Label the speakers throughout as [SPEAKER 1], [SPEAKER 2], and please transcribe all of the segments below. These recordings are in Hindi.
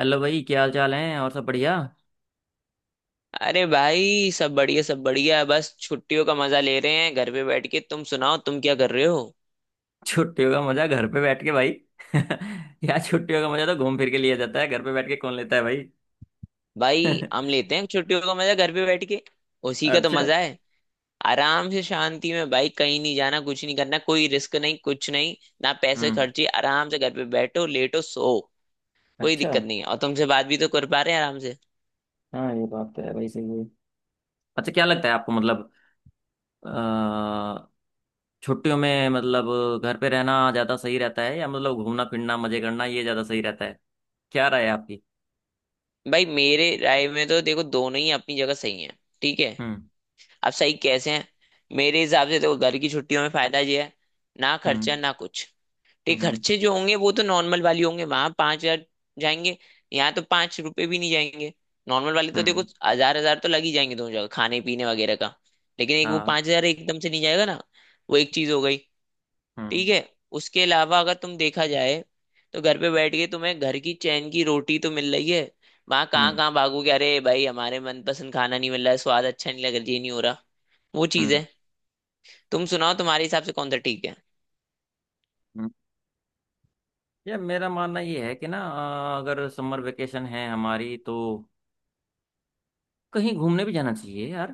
[SPEAKER 1] हेलो भाई, क्या हाल चाल है? और सब बढ़िया?
[SPEAKER 2] अरे भाई, सब बढ़िया है। बस छुट्टियों का मजा ले रहे हैं घर पे बैठ के। तुम सुनाओ, तुम क्या कर रहे हो।
[SPEAKER 1] छुट्टियों का मजा घर पे बैठ के, भाई? यार, छुट्टियों का मजा तो घूम फिर के लिया जाता है, घर पे बैठ के कौन लेता है भाई?
[SPEAKER 2] भाई हम लेते हैं छुट्टियों का मजा घर पे बैठ के। उसी का तो
[SPEAKER 1] अच्छा।
[SPEAKER 2] मजा है। आराम से शांति में भाई, कहीं नहीं जाना, कुछ नहीं करना, कोई रिस्क नहीं, कुछ नहीं। ना पैसे
[SPEAKER 1] हम्म।
[SPEAKER 2] खर्चे, आराम से घर पे बैठो, लेटो, सो। कोई
[SPEAKER 1] अच्छा।
[SPEAKER 2] दिक्कत नहीं है, और तुमसे बात भी तो कर पा रहे हैं आराम से।
[SPEAKER 1] हाँ, ये बात तो है भाई, सही है। अच्छा, क्या लगता है आपको? मतलब अ, छुट्टियों में, मतलब घर पे रहना ज्यादा सही रहता है, या मतलब घूमना फिरना मजे करना, ये ज्यादा सही रहता है? क्या राय है आपकी?
[SPEAKER 2] भाई मेरे राय में तो देखो, दोनों ही अपनी जगह सही हैं, ठीक है।
[SPEAKER 1] हम्म।
[SPEAKER 2] अब सही कैसे हैं, मेरे हिसाब से देखो, घर की छुट्टियों में फायदा ये है, ना खर्चा
[SPEAKER 1] हम्म।
[SPEAKER 2] ना कुछ। ये
[SPEAKER 1] हम्म।
[SPEAKER 2] खर्चे जो होंगे वो तो नॉर्मल वाली होंगे, वहां 5 हजार जाएंगे, यहाँ तो 5 रुपए भी नहीं जाएंगे। नॉर्मल वाले तो देखो
[SPEAKER 1] हम्म।
[SPEAKER 2] हजार हजार तो लग ही जाएंगे दोनों जगह खाने पीने वगैरह का, लेकिन एक वो
[SPEAKER 1] हाँ।
[SPEAKER 2] 5 हजार एकदम से नहीं जाएगा ना। वो एक चीज हो गई, ठीक
[SPEAKER 1] हम्म।
[SPEAKER 2] है। उसके अलावा अगर तुम देखा जाए, तो घर पे बैठ के तुम्हें घर की चैन की रोटी तो मिल रही है। वहां कहाँ
[SPEAKER 1] हम्म।
[SPEAKER 2] कहाँ भागोगे, अरे भाई हमारे मनपसंद खाना नहीं मिल रहा है, स्वाद अच्छा नहीं लग रहा, ये नहीं हो रहा, वो चीज
[SPEAKER 1] हम्म।
[SPEAKER 2] है। तुम सुनाओ तुम्हारे हिसाब से कौन सा ठीक
[SPEAKER 1] यार, मेरा मानना ये है कि ना, अगर समर वेकेशन है हमारी, तो कहीं घूमने भी जाना चाहिए यार।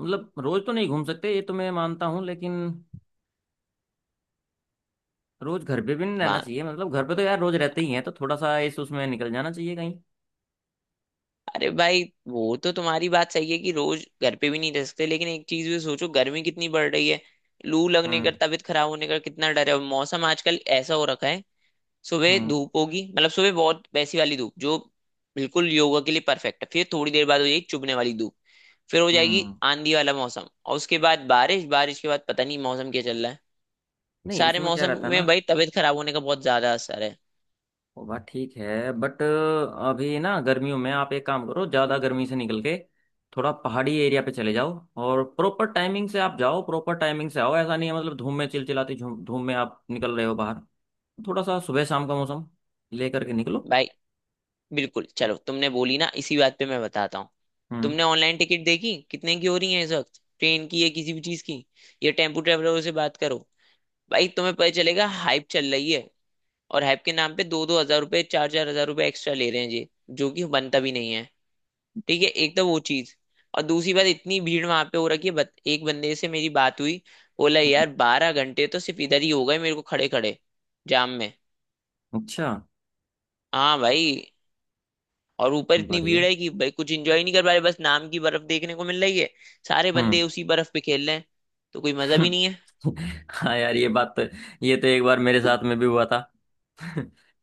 [SPEAKER 1] मतलब रोज तो नहीं घूम सकते, ये तो मैं मानता हूँ, लेकिन रोज घर पे भी नहीं रहना
[SPEAKER 2] है।
[SPEAKER 1] चाहिए। मतलब घर पे तो यार रोज रहते ही हैं, तो थोड़ा सा इस उसमें निकल जाना चाहिए कहीं।
[SPEAKER 2] अरे भाई, वो तो तुम्हारी बात सही है कि रोज घर पे भी नहीं रह सकते, लेकिन एक चीज भी सोचो, गर्मी कितनी बढ़ रही है। लू लगने
[SPEAKER 1] हम्म।
[SPEAKER 2] का, तबीयत खराब होने का कितना डर है, और मौसम आजकल ऐसा हो रखा है, सुबह
[SPEAKER 1] हम्म।
[SPEAKER 2] धूप होगी, मतलब सुबह बहुत वैसी वाली धूप जो बिल्कुल योगा के लिए परफेक्ट है, फिर थोड़ी देर बाद हो जाएगी चुभने वाली धूप, फिर हो जाएगी
[SPEAKER 1] हम्म।
[SPEAKER 2] आंधी वाला मौसम, और उसके बाद बारिश, बारिश के बाद पता नहीं मौसम क्या चल रहा है।
[SPEAKER 1] नहीं,
[SPEAKER 2] सारे
[SPEAKER 1] इसमें क्या
[SPEAKER 2] मौसम
[SPEAKER 1] रहता है ना,
[SPEAKER 2] में भाई तबीयत खराब होने का बहुत ज्यादा असर है।
[SPEAKER 1] वो बात ठीक है बट अभी ना गर्मियों में आप एक काम करो, ज़्यादा गर्मी से निकल के थोड़ा पहाड़ी एरिया पे चले जाओ। और प्रॉपर टाइमिंग से आप जाओ, प्रॉपर टाइमिंग से आओ। ऐसा नहीं है, मतलब धूम में, चिलचिलाती धूम, धूम में आप निकल रहे हो बाहर। थोड़ा सा सुबह शाम का मौसम लेकर के निकलो।
[SPEAKER 2] भाई बिल्कुल, चलो तुमने बोली ना, इसी बात पे मैं बताता हूँ।
[SPEAKER 1] हम्म।
[SPEAKER 2] तुमने ऑनलाइन टिकट देखी कितने की हो रही है इस वक्त, ट्रेन की या किसी भी चीज की, या टेम्पू ट्रेवलरों से बात करो, भाई तुम्हें पता चलेगा, हाइप चल रही है। और हाइप के नाम पे दो दो हजार रुपये, चार चार हजार रुपये एक्स्ट्रा ले रहे हैं ये, जो कि बनता भी नहीं है। ठीक है, एक तो वो चीज। और दूसरी बात, इतनी भीड़ वहां पे हो रखी है, एक बंदे से मेरी बात हुई, बोला
[SPEAKER 1] हम्म।
[SPEAKER 2] यार 12 घंटे तो सिर्फ इधर ही हो गए मेरे को खड़े खड़े, जाम में।
[SPEAKER 1] अच्छा।
[SPEAKER 2] हाँ भाई, और ऊपर इतनी भीड़
[SPEAKER 1] बढ़िया।
[SPEAKER 2] है कि भाई कुछ एंजॉय नहीं कर पा रहे, बस नाम की बर्फ देखने को मिल रही है, सारे बंदे
[SPEAKER 1] हम्म।
[SPEAKER 2] उसी बर्फ पे खेल रहे हैं, तो कोई मजा भी नहीं है।
[SPEAKER 1] हाँ यार, ये बात तो, ये तो एक बार मेरे साथ में भी हुआ था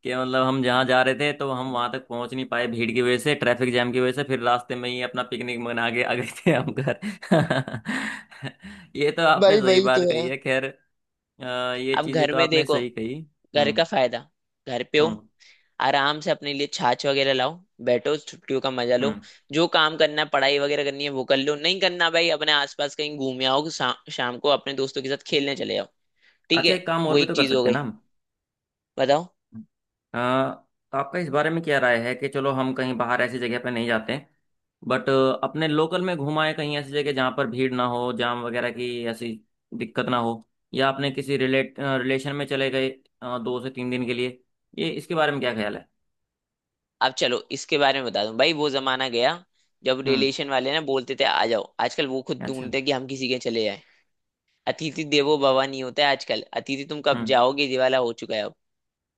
[SPEAKER 1] कि मतलब हम जहाँ जा रहे थे, तो हम वहां तक पहुंच नहीं पाए, भीड़ की वजह से, ट्रैफिक जाम की वजह से, फिर रास्ते में ही अपना पिकनिक मना के आ गए थे हम घर। ये तो आपने
[SPEAKER 2] भाई
[SPEAKER 1] सही
[SPEAKER 2] वही
[SPEAKER 1] बात
[SPEAKER 2] तो
[SPEAKER 1] कही
[SPEAKER 2] है,
[SPEAKER 1] है, खैर ये
[SPEAKER 2] अब
[SPEAKER 1] चीजें
[SPEAKER 2] घर
[SPEAKER 1] तो
[SPEAKER 2] में
[SPEAKER 1] आपने
[SPEAKER 2] देखो,
[SPEAKER 1] सही कही।
[SPEAKER 2] घर
[SPEAKER 1] हम्म।
[SPEAKER 2] का फायदा, घर पे हो,
[SPEAKER 1] हम्म।
[SPEAKER 2] आराम से अपने लिए छाछ वगैरह लाओ, बैठो, छुट्टियों का मजा लो।
[SPEAKER 1] हम्म।
[SPEAKER 2] जो काम करना है, पढ़ाई वगैरह करनी है, वो कर लो, नहीं करना भाई अपने आसपास कहीं घूम आओ, शाम को अपने दोस्तों के साथ खेलने चले जाओ, ठीक
[SPEAKER 1] अच्छा,
[SPEAKER 2] है।
[SPEAKER 1] एक काम
[SPEAKER 2] वो
[SPEAKER 1] और भी तो
[SPEAKER 2] एक
[SPEAKER 1] कर
[SPEAKER 2] चीज हो
[SPEAKER 1] सकते हैं
[SPEAKER 2] गई,
[SPEAKER 1] ना हम।
[SPEAKER 2] बताओ।
[SPEAKER 1] अ, तो आपका इस बारे में क्या राय है कि चलो हम कहीं बाहर ऐसी जगह पे नहीं जाते, बट अपने लोकल में घुमाएं, कहीं ऐसी जगह जहाँ पर भीड़ ना हो, जाम वगैरह की ऐसी दिक्कत ना हो। या आपने किसी रिलेट रिलेशन में चले गए, दो से तीन दिन के लिए। ये, इसके बारे में क्या ख्याल है?
[SPEAKER 2] अब चलो इसके बारे में बता दूं, भाई वो जमाना गया जब
[SPEAKER 1] हम्म।
[SPEAKER 2] रिलेशन वाले ना बोलते थे आ जाओ, आजकल वो खुद
[SPEAKER 1] अच्छा।
[SPEAKER 2] ढूंढते हैं कि हम किसी के चले जाएं। अतिथि देवो भव नहीं होता है आजकल, अतिथि तुम कब
[SPEAKER 1] हम्म
[SPEAKER 2] जाओगे, ये वाला हो चुका है अब।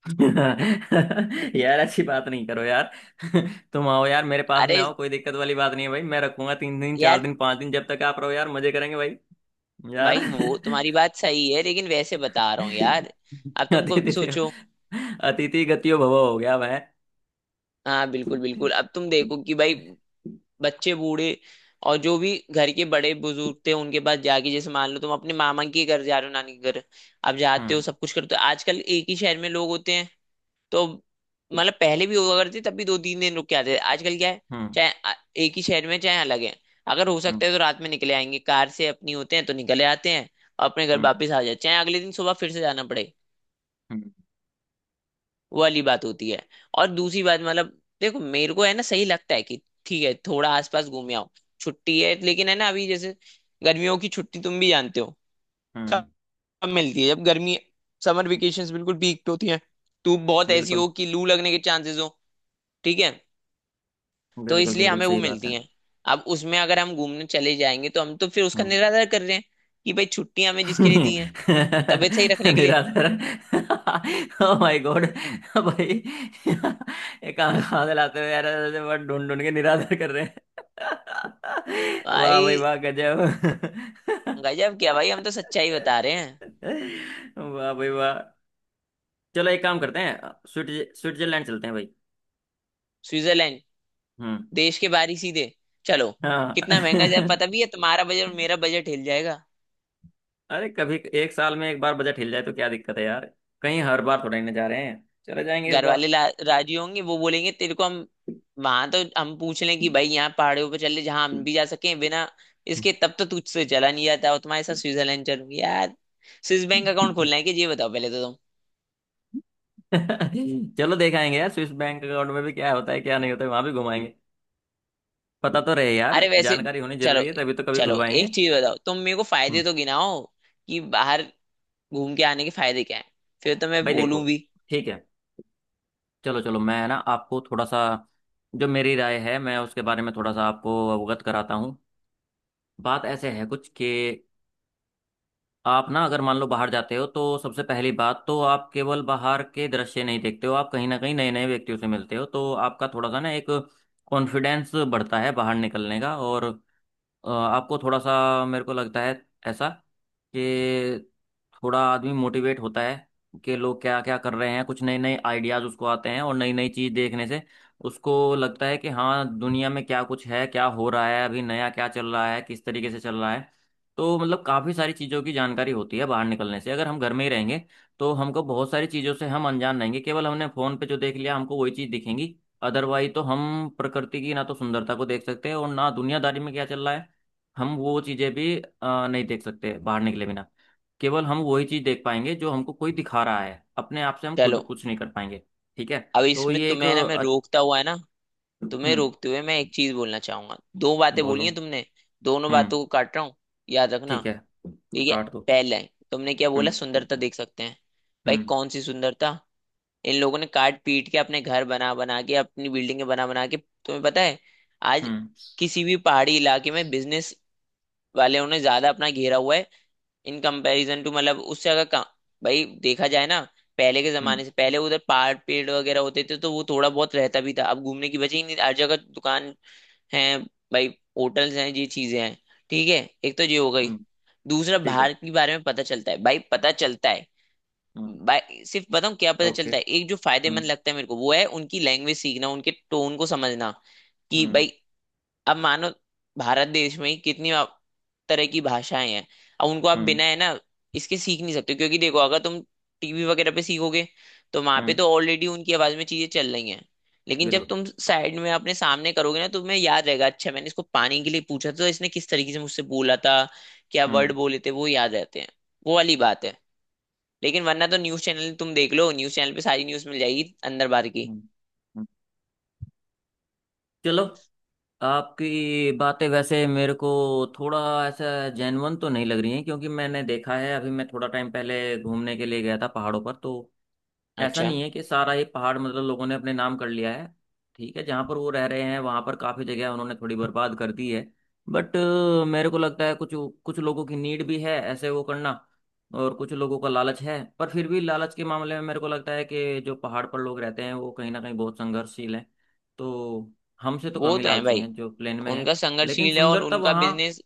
[SPEAKER 1] यार ऐसी बात नहीं करो यार। तुम आओ यार, मेरे पास
[SPEAKER 2] अरे
[SPEAKER 1] में आओ, कोई दिक्कत वाली बात नहीं है भाई, मैं रखूंगा। तीन दिन, चार
[SPEAKER 2] यार,
[SPEAKER 1] दिन, पांच दिन, जब तक आप रहो यार, मजे करेंगे भाई। यार।
[SPEAKER 2] भाई वो तुम्हारी बात सही है, लेकिन वैसे बता रहा हूँ यार। अब तुम खुद
[SPEAKER 1] अतिथि
[SPEAKER 2] सोचो।
[SPEAKER 1] अतिथि गतियो भव हो गया मैं।
[SPEAKER 2] हाँ बिल्कुल बिल्कुल, अब तुम देखो कि भाई, बच्चे बूढ़े और जो भी घर के बड़े बुजुर्ग थे उनके पास जाके, जैसे मान लो तुम अपने मामा के घर जा रहे हो, नानी के घर, अब जाते हो,
[SPEAKER 1] हम्म।
[SPEAKER 2] सब कुछ करते हो, आजकल एक ही शहर में लोग होते हैं। तो मतलब पहले भी हुआ करती, तब भी 2-3 दिन रुक के आते थे, आजकल क्या है,
[SPEAKER 1] हम्म।
[SPEAKER 2] चाहे आ- एक ही शहर में चाहे अलग है, अगर हो
[SPEAKER 1] हम्म।
[SPEAKER 2] सकता है तो रात में निकले आएंगे, कार से अपनी होते हैं तो निकले आते हैं, और अपने घर
[SPEAKER 1] हम्म।
[SPEAKER 2] वापस आ जाते हैं, चाहे अगले दिन सुबह फिर से जाना पड़े।
[SPEAKER 1] हम्म।
[SPEAKER 2] वो वाली बात होती है। और दूसरी बात, मतलब देखो मेरे को है ना, सही लगता है कि ठीक है थोड़ा आसपास घूम आओ, छुट्टी है, लेकिन है ना, अभी जैसे गर्मियों की छुट्टी तुम भी जानते हो
[SPEAKER 1] हम्म।
[SPEAKER 2] कब मिलती है, जब गर्मी, समर वेकेशंस बिल्कुल पीक पे होती हैं, तो बहुत ऐसी
[SPEAKER 1] बिल्कुल।
[SPEAKER 2] हो कि लू लगने के चांसेस हो, ठीक है। तो
[SPEAKER 1] बिल्कुल,
[SPEAKER 2] इसलिए
[SPEAKER 1] बिल्कुल
[SPEAKER 2] हमें वो
[SPEAKER 1] सही बात
[SPEAKER 2] मिलती
[SPEAKER 1] है।
[SPEAKER 2] हैं, अब उसमें अगर हम घूमने चले जाएंगे, तो हम तो फिर उसका
[SPEAKER 1] हम्म।
[SPEAKER 2] निरादर कर रहे हैं, कि भाई छुट्टियां हमें जिसके लिए दी हैं, तबीयत सही रखने के लिए।
[SPEAKER 1] निराधार। Oh my god. भाई, ये काम कहाँ से लाते हो यार? ऐसे वर्ड ढूंढ ढूंढ के निराधार कर रहे हैं। वाह भाई
[SPEAKER 2] भाई
[SPEAKER 1] वाह, गजब।
[SPEAKER 2] गजब क्या भाई, हम तो सच्चाई बता रहे हैं।
[SPEAKER 1] वाह भाई वाह। चलो, एक काम करते हैं, स्विट्जरलैंड चलते हैं भाई।
[SPEAKER 2] स्विट्जरलैंड,
[SPEAKER 1] हम्म।
[SPEAKER 2] देश के बाहर ही सीधे, चलो,
[SPEAKER 1] हाँ।
[SPEAKER 2] कितना महंगा जाए पता भी है, तुम्हारा बजट और मेरा बजट हिल जाएगा।
[SPEAKER 1] अरे, कभी एक साल में एक बार बजट हिल जाए तो क्या दिक्कत है यार? कहीं हर बार थोड़ा ना जा रहे हैं, चले जाएंगे इस
[SPEAKER 2] घर
[SPEAKER 1] बार।
[SPEAKER 2] वाले राजी होंगे, वो बोलेंगे तेरे को हम, वहां तो हम पूछ लें कि भाई यहाँ पहाड़ियों पर चल ले जहाँ हम भी जा सकें, बिना इसके तब तो तुझसे चला नहीं जाता, और तुम्हारे साथ स्विट्जरलैंड चलूंगी यार। स्विस बैंक अकाउंट खोलना है कि ये बताओ पहले तो तुम।
[SPEAKER 1] चलो, देख आएंगे यार, स्विस बैंक अकाउंट में भी क्या होता है क्या नहीं होता है, वहां भी घुमाएंगे। पता तो रहे यार,
[SPEAKER 2] अरे वैसे,
[SPEAKER 1] जानकारी होनी
[SPEAKER 2] चलो
[SPEAKER 1] जरूरी है, तभी तो कभी
[SPEAKER 2] चलो,
[SPEAKER 1] खुलवाएंगे।
[SPEAKER 2] एक चीज बताओ तुम, मेरे को
[SPEAKER 1] हम्म।
[SPEAKER 2] फायदे तो गिनाओ कि बाहर घूम के आने के फायदे क्या है, फिर तो मैं
[SPEAKER 1] भाई देखो,
[SPEAKER 2] बोलूं भी।
[SPEAKER 1] ठीक है, चलो चलो, मैं ना आपको थोड़ा सा, जो मेरी राय है, मैं उसके बारे में थोड़ा सा आपको अवगत कराता हूँ। बात ऐसे है कुछ कि आप ना, अगर मान लो बाहर जाते हो, तो सबसे पहली बात तो आप केवल बाहर के दृश्य नहीं देखते हो, आप कहीं ना कहीं नए नए व्यक्तियों से मिलते हो, तो आपका थोड़ा सा ना एक कॉन्फिडेंस बढ़ता है बाहर निकलने का। और आपको थोड़ा सा, मेरे को लगता है ऐसा कि, थोड़ा आदमी मोटिवेट होता है कि लोग क्या क्या कर रहे हैं, कुछ नए नए आइडियाज उसको आते हैं, और नई नई चीज देखने से उसको लगता है कि हाँ, दुनिया में क्या कुछ है, क्या हो रहा है, अभी नया क्या चल रहा है, किस तरीके से चल रहा है। तो मतलब काफी सारी चीजों की जानकारी होती है बाहर निकलने से। अगर हम घर में ही रहेंगे, तो हमको बहुत सारी चीजों से, हम अनजान रहेंगे। केवल हमने फोन पे जो देख लिया, हमको वही चीज दिखेंगी। अदरवाइज तो हम प्रकृति की ना तो सुंदरता को देख सकते हैं, और ना दुनियादारी में क्या चल रहा है, हम वो चीजें भी नहीं देख सकते बाहर निकले बिना। केवल हम वही चीज देख पाएंगे जो हमको कोई दिखा रहा है, अपने आप से हम खुद
[SPEAKER 2] चलो,
[SPEAKER 1] कुछ नहीं कर पाएंगे। ठीक है,
[SPEAKER 2] अब
[SPEAKER 1] तो
[SPEAKER 2] इसमें
[SPEAKER 1] ये एक
[SPEAKER 2] तुम्हें ना मैं रोकता हुआ है ना, तुम्हें
[SPEAKER 1] हम्म।
[SPEAKER 2] रोकते हुए मैं एक चीज बोलना चाहूंगा। दो बातें बोली
[SPEAKER 1] बोलो।
[SPEAKER 2] हैं तुमने, दोनों
[SPEAKER 1] हम्म।
[SPEAKER 2] बातों को काट रहा हूँ, याद रखना,
[SPEAKER 1] ठीक है।
[SPEAKER 2] ठीक है।
[SPEAKER 1] काट दो।
[SPEAKER 2] पहले तुमने क्या बोला,
[SPEAKER 1] हम्म।
[SPEAKER 2] सुंदरता देख सकते हैं, भाई
[SPEAKER 1] हम्म।
[SPEAKER 2] कौन सी सुंदरता, इन लोगों ने काट पीट के अपने घर बना बना के अपनी बिल्डिंगें बना बना के, तुम्हें पता है आज
[SPEAKER 1] हम्म।
[SPEAKER 2] किसी भी पहाड़ी इलाके में बिजनेस वाले उन्हें ज्यादा अपना घेरा हुआ है, इन कंपैरिजन टू मतलब उससे अगर भाई देखा जाए ना, पहले के
[SPEAKER 1] हम्म।
[SPEAKER 2] जमाने से पहले उधर पहाड़ पेड़ वगैरह होते थे तो वो थोड़ा बहुत रहता भी था, अब घूमने की वजह ही नहीं, हर जगह दुकान है भाई, होटल्स हैं, ये चीजें हैं, ठीक है। एक तो ये हो गई।
[SPEAKER 1] हम्म।
[SPEAKER 2] दूसरा,
[SPEAKER 1] ठीक है।
[SPEAKER 2] भारत के बारे में पता चलता है भाई, पता चलता है।
[SPEAKER 1] हम्म।
[SPEAKER 2] भाई सिर्फ बताऊं क्या पता
[SPEAKER 1] ओके।
[SPEAKER 2] चलता है, एक जो
[SPEAKER 1] हम्म।
[SPEAKER 2] फायदेमंद लगता है मेरे को वो है उनकी लैंग्वेज सीखना, उनके टोन को समझना, कि
[SPEAKER 1] हम्म।
[SPEAKER 2] भाई अब मानो भारत देश में ही कितनी तरह की भाषाएं हैं। अब उनको आप
[SPEAKER 1] हम्म।
[SPEAKER 2] बिना है ना इसके सीख नहीं सकते, क्योंकि देखो अगर तुम टीवी वगैरह पे सीखोगे तो वहां पे
[SPEAKER 1] हम्म।
[SPEAKER 2] तो ऑलरेडी उनकी आवाज में चीजें चल रही हैं, लेकिन जब
[SPEAKER 1] बिल्कुल।
[SPEAKER 2] तुम साइड में अपने सामने करोगे ना, तुम्हें याद रहेगा, अच्छा मैंने इसको पानी के लिए पूछा था तो इसने किस तरीके से मुझसे बोला था, क्या वर्ड
[SPEAKER 1] हम्म।
[SPEAKER 2] बोले थे, वो याद रहते हैं, वो वाली बात है। लेकिन वरना तो न्यूज चैनल तुम देख लो, न्यूज चैनल पे सारी न्यूज मिल जाएगी अंदर बाहर की।
[SPEAKER 1] हम्म। हम्म। चलो, आपकी बातें वैसे मेरे को थोड़ा ऐसा जेन्युइन तो नहीं लग रही हैं, क्योंकि मैंने देखा है, अभी मैं थोड़ा टाइम पहले घूमने के लिए गया था पहाड़ों पर, तो ऐसा
[SPEAKER 2] अच्छा,
[SPEAKER 1] नहीं है कि सारा ये पहाड़ मतलब लोगों ने अपने नाम कर लिया है। ठीक है, जहाँ पर वो रह रहे हैं वहाँ पर काफ़ी जगह उन्होंने थोड़ी बर्बाद कर दी है, बट मेरे को लगता है कुछ, कुछ लोगों की नीड भी है ऐसे वो करना। और कुछ लोगों का लालच है, पर फिर भी लालच के मामले में मेरे को लगता है कि जो पहाड़ पर लोग रहते हैं, वो कहीं ना कहीं बहुत संघर्षशील हैं, तो हमसे तो कम
[SPEAKER 2] वो
[SPEAKER 1] ही
[SPEAKER 2] तो है
[SPEAKER 1] लालची
[SPEAKER 2] भाई,
[SPEAKER 1] हैं जो प्लेन में हैं।
[SPEAKER 2] उनका
[SPEAKER 1] लेकिन
[SPEAKER 2] संघर्षशील है, और
[SPEAKER 1] सुंदरता
[SPEAKER 2] उनका
[SPEAKER 1] वहाँ,
[SPEAKER 2] बिजनेस,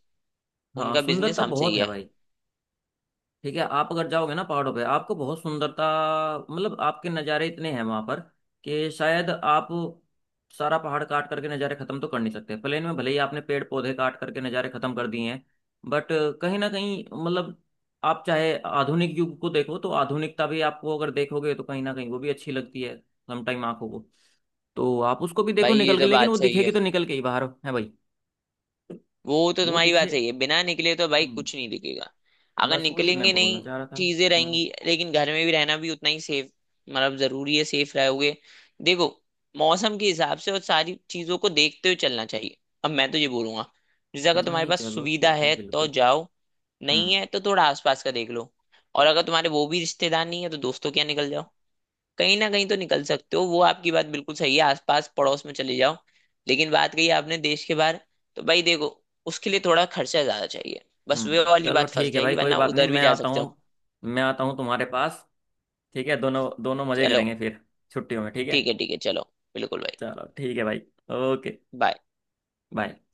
[SPEAKER 1] हाँ,
[SPEAKER 2] उनका बिजनेस
[SPEAKER 1] सुंदरता
[SPEAKER 2] हमसे ही
[SPEAKER 1] बहुत है
[SPEAKER 2] है।
[SPEAKER 1] भाई। ठीक है, आप अगर जाओगे ना पहाड़ों पे, आपको बहुत सुंदरता, मतलब आपके नज़ारे इतने हैं वहां पर, कि शायद आप सारा पहाड़ काट करके नज़ारे खत्म तो कर नहीं सकते। प्लेन में भले ही आपने पेड़ पौधे काट करके नज़ारे खत्म कर दिए हैं, बट कहीं ना कहीं मतलब आप चाहे आधुनिक युग को देखो, तो आधुनिकता भी आपको, अगर देखोगे तो कहीं ना कहीं वो भी अच्छी लगती है समटाइम आंखों को। तो आप उसको भी देखो
[SPEAKER 2] भाई ये
[SPEAKER 1] निकल के,
[SPEAKER 2] तो
[SPEAKER 1] लेकिन
[SPEAKER 2] बात
[SPEAKER 1] वो
[SPEAKER 2] सही है,
[SPEAKER 1] दिखेगी तो निकल के ही बाहर है भाई,
[SPEAKER 2] वो तो
[SPEAKER 1] वो
[SPEAKER 2] तुम्हारी बात
[SPEAKER 1] दिखे।
[SPEAKER 2] सही है, बिना निकले तो भाई
[SPEAKER 1] हम्म।
[SPEAKER 2] कुछ नहीं दिखेगा, अगर
[SPEAKER 1] बस वही मैं
[SPEAKER 2] निकलेंगे नहीं।
[SPEAKER 1] बोलना चाह रहा था।
[SPEAKER 2] चीजें रहेंगी,
[SPEAKER 1] हम्म।
[SPEAKER 2] लेकिन घर में भी रहना भी उतना ही सेफ, मतलब जरूरी है, सेफ रहोगे। देखो, मौसम के हिसाब से और सारी चीजों को देखते हुए चलना चाहिए। अब मैं तो ये बोलूंगा, जैसे अगर तुम्हारे
[SPEAKER 1] नहीं,
[SPEAKER 2] पास
[SPEAKER 1] चलो
[SPEAKER 2] सुविधा
[SPEAKER 1] ठीक है,
[SPEAKER 2] है तो
[SPEAKER 1] बिल्कुल।
[SPEAKER 2] जाओ, नहीं
[SPEAKER 1] हम्म।
[SPEAKER 2] है तो थोड़ा आसपास का देख लो, और अगर तुम्हारे वो भी रिश्तेदार नहीं है तो दोस्तों के यहाँ निकल जाओ, कहीं ना कहीं तो निकल सकते हो, वो आपकी बात बिल्कुल सही है, आसपास पड़ोस में चले जाओ। लेकिन बात कही आपने देश के बाहर, तो भाई देखो, उसके लिए थोड़ा खर्चा ज्यादा चाहिए, बस वे
[SPEAKER 1] हम्म।
[SPEAKER 2] वाली
[SPEAKER 1] चलो
[SPEAKER 2] बात फंस
[SPEAKER 1] ठीक है
[SPEAKER 2] जाएगी,
[SPEAKER 1] भाई, कोई
[SPEAKER 2] वरना
[SPEAKER 1] बात नहीं,
[SPEAKER 2] उधर भी
[SPEAKER 1] मैं
[SPEAKER 2] जा
[SPEAKER 1] आता
[SPEAKER 2] सकते हो।
[SPEAKER 1] हूँ, मैं आता हूँ तुम्हारे पास। ठीक है, दोनों दोनों मजे
[SPEAKER 2] चलो,
[SPEAKER 1] करेंगे फिर, छुट्टियों में, ठीक है।
[SPEAKER 2] ठीक है, ठीक है चलो, बिल्कुल भाई।
[SPEAKER 1] चलो ठीक है भाई, ओके,
[SPEAKER 2] बाय।
[SPEAKER 1] बाय।